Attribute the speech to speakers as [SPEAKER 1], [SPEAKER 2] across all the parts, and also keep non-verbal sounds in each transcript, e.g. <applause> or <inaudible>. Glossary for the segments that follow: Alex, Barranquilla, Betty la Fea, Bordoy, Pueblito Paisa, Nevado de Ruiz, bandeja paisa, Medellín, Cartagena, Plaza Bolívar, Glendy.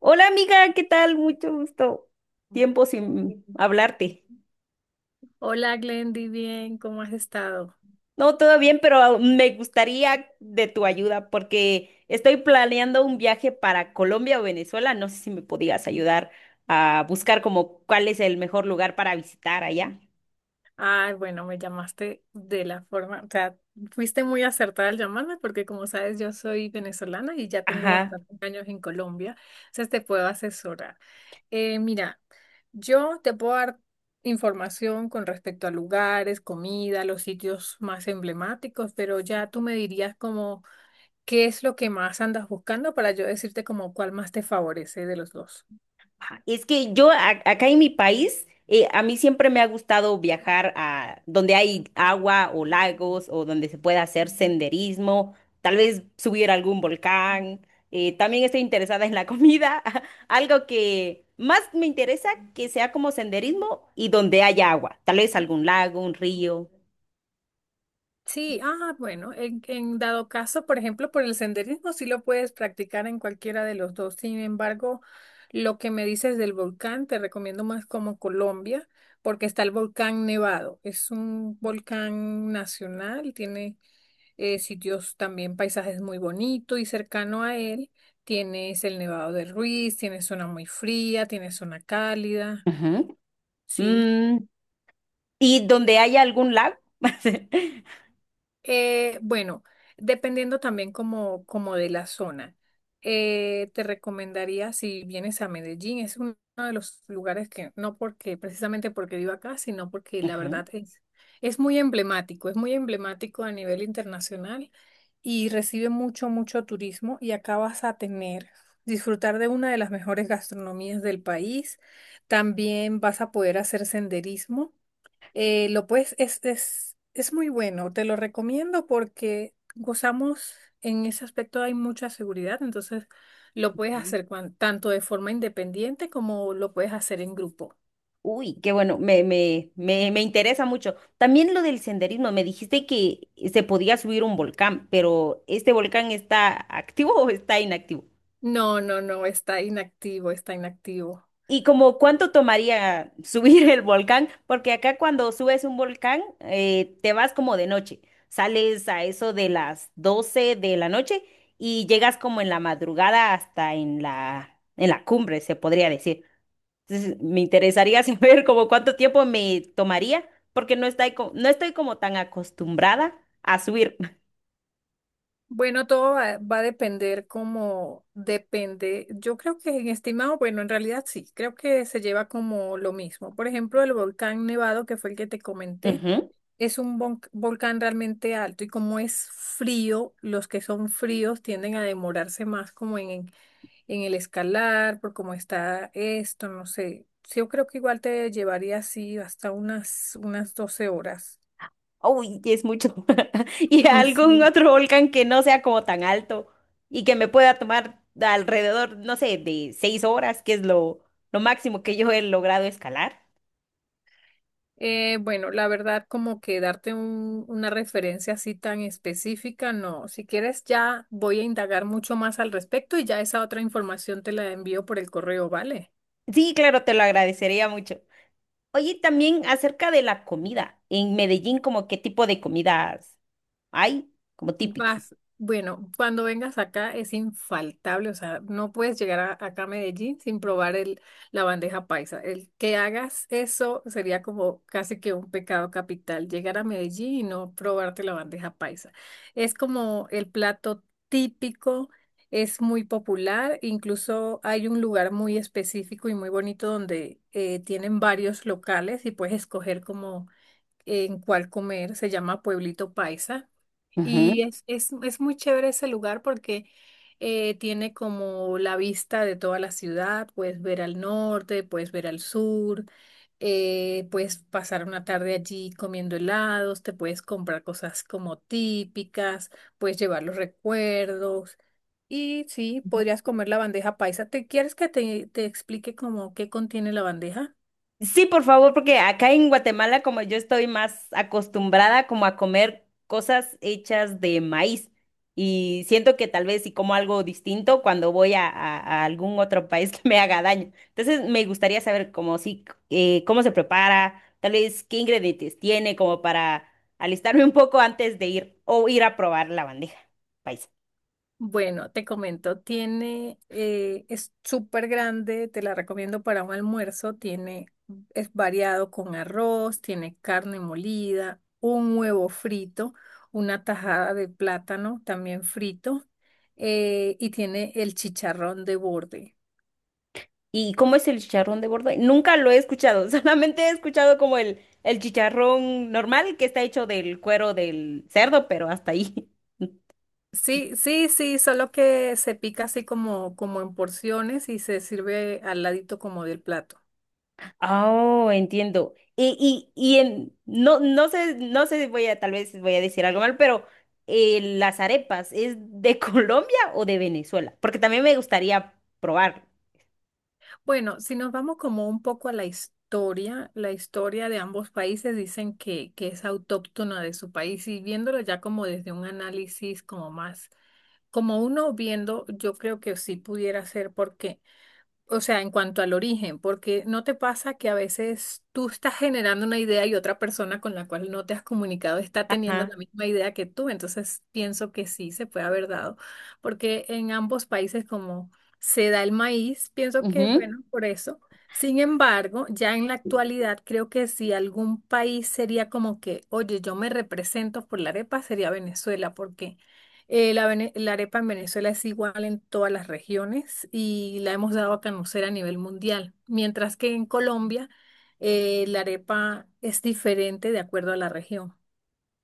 [SPEAKER 1] Hola amiga, ¿qué tal? Mucho gusto. Tiempo sin hablarte.
[SPEAKER 2] Hola Glendy, bien, ¿cómo has estado?
[SPEAKER 1] No, todo bien, pero me gustaría de tu ayuda porque estoy planeando un viaje para Colombia o Venezuela. No sé si me podías ayudar a buscar como cuál es el mejor lugar para visitar allá.
[SPEAKER 2] Ay, bueno, me llamaste de la forma, o sea, fuiste muy acertada al llamarme porque como sabes yo soy venezolana y ya tengo
[SPEAKER 1] Ajá.
[SPEAKER 2] bastantes años en Colombia, entonces te puedo asesorar. Mira, yo te puedo dar información con respecto a lugares, comida, los sitios más emblemáticos, pero ya tú me dirías como qué es lo que más andas buscando para yo decirte como cuál más te favorece de los dos.
[SPEAKER 1] Ajá, es que yo acá en mi país, a mí siempre me ha gustado viajar a donde hay agua o lagos o donde se pueda hacer senderismo, tal vez subir a algún volcán. También estoy interesada en la comida, <laughs> algo que más me interesa que sea como senderismo y donde haya agua, tal vez algún lago, un río.
[SPEAKER 2] Sí, ah, bueno, en dado caso, por ejemplo, por el senderismo sí lo puedes practicar en cualquiera de los dos. Sin embargo, lo que me dices del volcán, te recomiendo más como Colombia, porque está el volcán Nevado. Es un volcán nacional, tiene sitios también, paisajes muy bonitos y cercano a él tienes el Nevado de Ruiz, tienes zona muy fría, tienes zona cálida,
[SPEAKER 1] Ujú.
[SPEAKER 2] sí.
[SPEAKER 1] Mm, y donde haya algún lago. <laughs>
[SPEAKER 2] Bueno, dependiendo también como de la zona. Te recomendaría si vienes a Medellín, es uno de los lugares que no porque precisamente porque vivo acá, sino porque la verdad es muy emblemático a nivel internacional y recibe mucho turismo y acá vas a tener, disfrutar de una de las mejores gastronomías del país. También vas a poder hacer senderismo. Lo puedes, es muy bueno, te lo recomiendo porque gozamos en ese aspecto, hay mucha seguridad, entonces lo puedes
[SPEAKER 1] Ujú.
[SPEAKER 2] hacer tanto de forma independiente como lo puedes hacer en grupo.
[SPEAKER 1] Uy, qué bueno, me interesa mucho. También lo del senderismo, me dijiste que se podía subir un volcán, pero ¿este volcán está activo o está inactivo?
[SPEAKER 2] No, no, no, está inactivo, está inactivo.
[SPEAKER 1] Y como cuánto tomaría <laughs> subir el volcán, porque acá cuando subes un volcán, te vas como de noche, sales a eso de las 12 de la noche y llegas como en la madrugada hasta en en la cumbre, se podría decir. Entonces, me interesaría <laughs> saber como cuánto tiempo me tomaría, porque no estoy, no estoy como tan acostumbrada a subir. <laughs>
[SPEAKER 2] Bueno, todo va a depender como depende. Yo creo que en estimado, bueno, en realidad sí, creo que se lleva como lo mismo. Por ejemplo, el volcán Nevado, que fue el que te comenté.
[SPEAKER 1] Ujú.
[SPEAKER 2] Es un volcán realmente alto y como es frío, los que son fríos tienden a demorarse más como en el escalar, por cómo está esto, no sé. Sí, yo creo que igual te llevaría así hasta unas 12 horas.
[SPEAKER 1] Uy, es mucho. <laughs> Y
[SPEAKER 2] <laughs>
[SPEAKER 1] algún
[SPEAKER 2] Sí.
[SPEAKER 1] otro volcán que no sea como tan alto y que me pueda tomar alrededor, no sé, de seis horas, que es lo máximo que yo he logrado escalar.
[SPEAKER 2] Bueno, la verdad, como que darte una referencia así tan específica, no. Si quieres, ya voy a indagar mucho más al respecto y ya esa otra información te la envío por el correo, ¿vale?
[SPEAKER 1] Sí, claro, te lo agradecería mucho. Oye, también acerca de la comida. En Medellín, ¿como qué tipo de comidas hay? Como típico.
[SPEAKER 2] Vas, bueno, cuando vengas acá es infaltable, o sea, no puedes llegar acá a Medellín sin probar la bandeja paisa. El que hagas eso sería como casi que un pecado capital, llegar a Medellín y no probarte la bandeja paisa. Es como el plato típico, es muy popular, incluso hay un lugar muy específico y muy bonito donde tienen varios locales y puedes escoger como en cuál comer, se llama Pueblito Paisa. Y es muy chévere ese lugar porque tiene como la vista de toda la ciudad, puedes ver al norte, puedes ver al sur, puedes pasar una tarde allí comiendo helados, te puedes comprar cosas como típicas, puedes llevar los recuerdos y sí, podrías comer la bandeja paisa. ¿Te quieres que te explique como qué contiene la bandeja?
[SPEAKER 1] Sí, por favor, porque acá en Guatemala, como yo estoy más acostumbrada como a comer cosas hechas de maíz y siento que tal vez si como algo distinto cuando voy a, a algún otro país <laughs> que me haga daño. Entonces, me gustaría saber cómo si cómo se prepara, tal vez qué ingredientes tiene como para alistarme un poco antes de ir o ir a probar la bandeja paisa.
[SPEAKER 2] Bueno, te comento, tiene, es súper grande, te la recomiendo para un almuerzo, tiene, es variado con arroz, tiene carne molida, un huevo frito, una tajada de plátano también frito, y tiene el chicharrón de borde.
[SPEAKER 1] ¿Y cómo es el chicharrón de Bordoy? Nunca lo he escuchado, <laughs> solamente he escuchado como el chicharrón normal que está hecho del cuero del cerdo, pero hasta ahí. <laughs>
[SPEAKER 2] Sí, sí, sí, solo que se pica así como en porciones y se sirve al ladito como del plato.
[SPEAKER 1] Oh, entiendo. Y, y en, no, no sé, si voy a, tal vez voy a decir algo mal, pero las arepas, ¿es de <laughs> Colombia o de Venezuela? Porque también me gustaría probar.
[SPEAKER 2] Bueno, si nos vamos como un poco a la historia de ambos países dicen que es autóctona de su país y viéndolo ya como desde un análisis como más, como uno viendo, yo creo que sí pudiera ser porque o sea, en cuanto al origen, porque no te pasa que a veces tú estás generando una idea y otra persona con la cual no te has comunicado está teniendo la
[SPEAKER 1] Ajá.
[SPEAKER 2] misma idea que tú, entonces pienso que sí se puede haber dado, porque en ambos países como se da el maíz, pienso que
[SPEAKER 1] Ujú.
[SPEAKER 2] bueno, por eso. Sin embargo, ya en la actualidad creo que si algún país sería como que, oye, yo me represento por la arepa, sería Venezuela, porque la arepa en Venezuela es igual en todas las regiones y la hemos dado a conocer a nivel mundial, mientras que en Colombia la arepa es diferente de acuerdo a la región.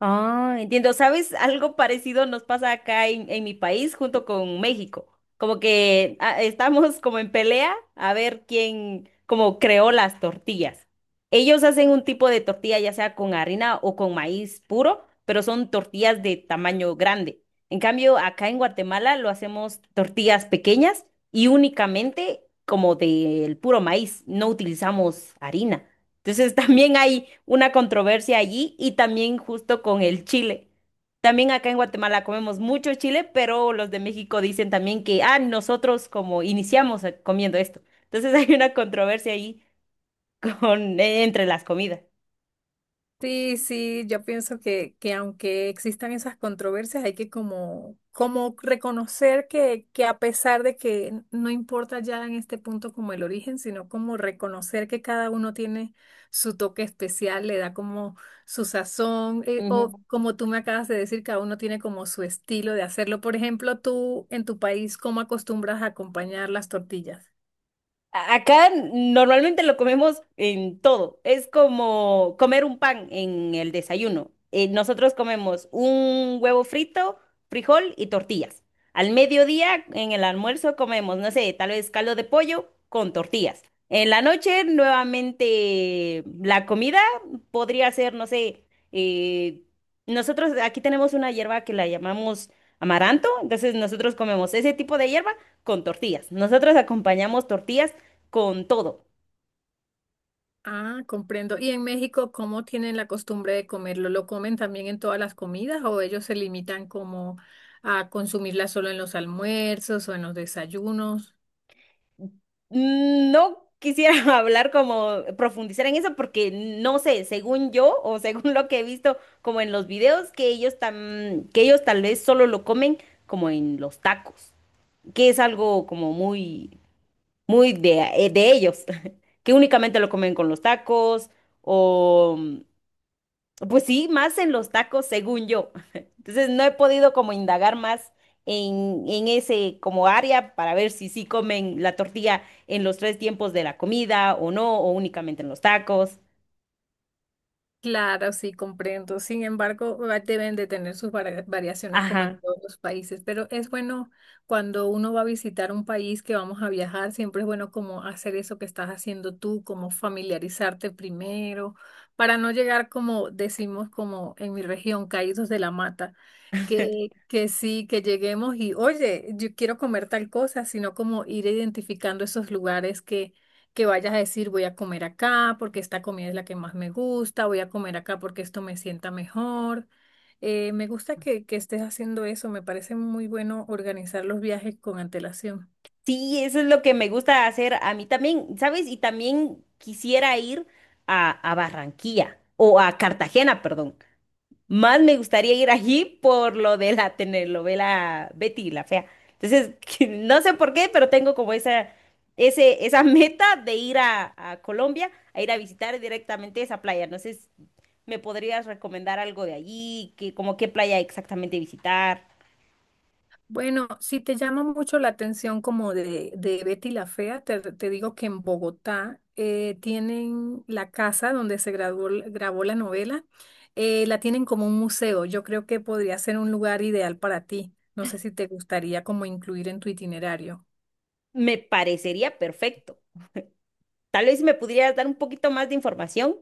[SPEAKER 1] Ah, entiendo. ¿Sabes? Algo parecido nos pasa acá en mi país junto con México. Como que ah, estamos como en pelea a ver quién como creó las tortillas. Ellos hacen un tipo de tortilla ya sea con harina o con maíz puro, pero son tortillas de tamaño grande. En cambio, acá en Guatemala lo hacemos tortillas pequeñas y únicamente como del puro maíz. No utilizamos harina. Entonces <laughs> también hay una controversia allí y también justo con el chile. También acá en Guatemala comemos mucho chile, pero los de México dicen también que, ah, nosotros como iniciamos comiendo esto. Entonces <laughs> hay una controversia ahí con, entre las comidas.
[SPEAKER 2] Sí, sí, yo pienso que aunque existan esas controversias, hay que como reconocer que a pesar de que no importa ya en este punto como el origen, sino como reconocer que cada uno tiene su toque especial, le da como su sazón, o
[SPEAKER 1] Ujú.
[SPEAKER 2] como tú me acabas de decir, cada uno tiene como su estilo de hacerlo. Por ejemplo, tú en tu país, ¿cómo acostumbras a acompañar las tortillas?
[SPEAKER 1] Acá normalmente lo comemos en todo. Es como comer un pan en el desayuno. Nosotros comemos un huevo frito, frijol y tortillas. Al mediodía, en el almuerzo, comemos, no sé, tal vez caldo de pollo con tortillas. En la noche, nuevamente, la comida podría ser, no sé, eh, nosotros aquí tenemos una hierba que la llamamos amaranto, entonces nosotros comemos ese tipo de hierba con tortillas. Nosotros acompañamos tortillas con todo.
[SPEAKER 2] Ah, comprendo. ¿Y en México cómo tienen la costumbre de comerlo? ¿Lo comen también en todas las comidas o ellos se limitan como a consumirla solo en los almuerzos o en los desayunos?
[SPEAKER 1] No quisiera <laughs> hablar como profundizar en eso porque no sé, según yo o <laughs> según lo que he visto como en los videos que ellos tan, que ellos tal vez solo lo comen como en los tacos, que es algo como muy de ellos, <laughs> que únicamente lo comen con los tacos o pues sí, más en los tacos, según yo. <laughs> Entonces no he podido como indagar más en ese como área para ver si sí comen la tortilla en los tres tiempos de la comida o no, o únicamente en los tacos.
[SPEAKER 2] Claro, sí, comprendo. Sin embargo, deben de tener sus variaciones como en
[SPEAKER 1] Ajá.
[SPEAKER 2] todos los países, pero es bueno cuando uno va a visitar un país que vamos a viajar, siempre es bueno como hacer eso que estás haciendo tú, como familiarizarte primero, para no llegar como decimos como en mi región, caídos de la mata,
[SPEAKER 1] <laughs>
[SPEAKER 2] que sí, que lleguemos y, oye, yo quiero comer tal cosa, sino como ir identificando esos lugares que vayas a decir voy a comer acá porque esta comida es la que más me gusta, voy a comer acá porque esto me sienta mejor. Me gusta que estés haciendo eso, me parece muy bueno organizar los viajes con antelación.
[SPEAKER 1] Sí, eso es lo que me gusta hacer a mí también, ¿sabes? Y también quisiera ir a Barranquilla o a Cartagena, perdón. Más me gustaría ir allí por lo de la telenovela Betty la Fea. Entonces, <laughs> que no sé por qué, pero tengo como esa, esa meta de ir a Colombia, a ir a visitar directamente esa playa. No sé si me podrías recomendar algo de allí, que, como qué playa exactamente visitar.
[SPEAKER 2] Bueno, si te llama mucho la atención como de Betty la Fea, te digo que en Bogotá tienen la casa donde se grabó la novela, la tienen como un museo. Yo creo que podría ser un lugar ideal para ti. No sé si te gustaría como incluir en tu itinerario.
[SPEAKER 1] Me parecería perfecto. Tal vez me pudieras dar un poquito más de información.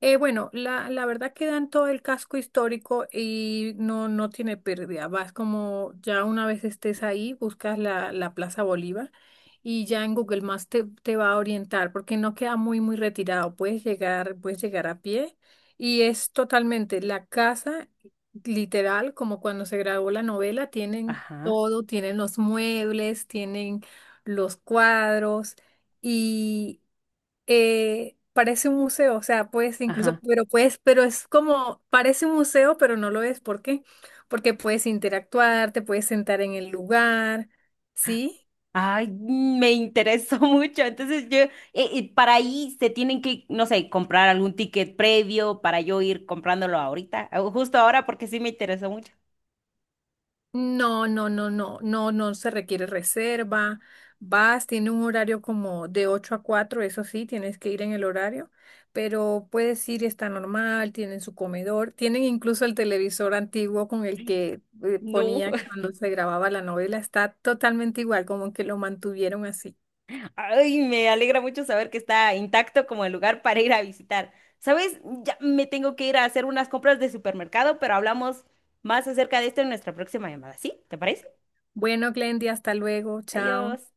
[SPEAKER 2] Bueno, la verdad que en todo el casco histórico y no, no tiene pérdida. Vas como ya una vez estés ahí, buscas la Plaza Bolívar y ya en Google Maps te va a orientar porque no queda muy retirado. Puedes llegar a pie y es totalmente la casa, literal, como cuando se grabó la novela, tienen
[SPEAKER 1] Ajá,
[SPEAKER 2] todo, tienen los muebles, tienen los cuadros. Y parece un museo, o sea, puedes incluso,
[SPEAKER 1] ajá.
[SPEAKER 2] pero puedes, pero es como, parece un museo, pero no lo es. ¿Por qué? Porque puedes interactuar, te puedes sentar en el lugar, ¿sí?
[SPEAKER 1] Ay, mm, me interesó <laughs> mucho. Entonces yo, para ahí se tienen que, no sé, comprar algún ticket previo para yo ir comprándolo ahorita, o justo ahora porque sí me interesó mucho.
[SPEAKER 2] No, no, no, no, no, no se requiere reserva. Vas, tiene un horario como de 8 a 4. Eso sí, tienes que ir en el horario, pero puedes ir, está normal, tienen su comedor, tienen incluso el televisor antiguo con el que
[SPEAKER 1] No,
[SPEAKER 2] ponía
[SPEAKER 1] <laughs>
[SPEAKER 2] cuando se grababa la novela, está totalmente igual, como que lo mantuvieron así.
[SPEAKER 1] ay, me alegra mucho saber que está intacto como el lugar para ir a visitar. ¿Sabes? Ya me tengo que ir a hacer unas compras de supermercado, pero hablamos más acerca de esto en nuestra próxima llamada. ¿Sí? ¿Te parece?
[SPEAKER 2] Bueno, Glendy, hasta luego, chao.
[SPEAKER 1] Adiós.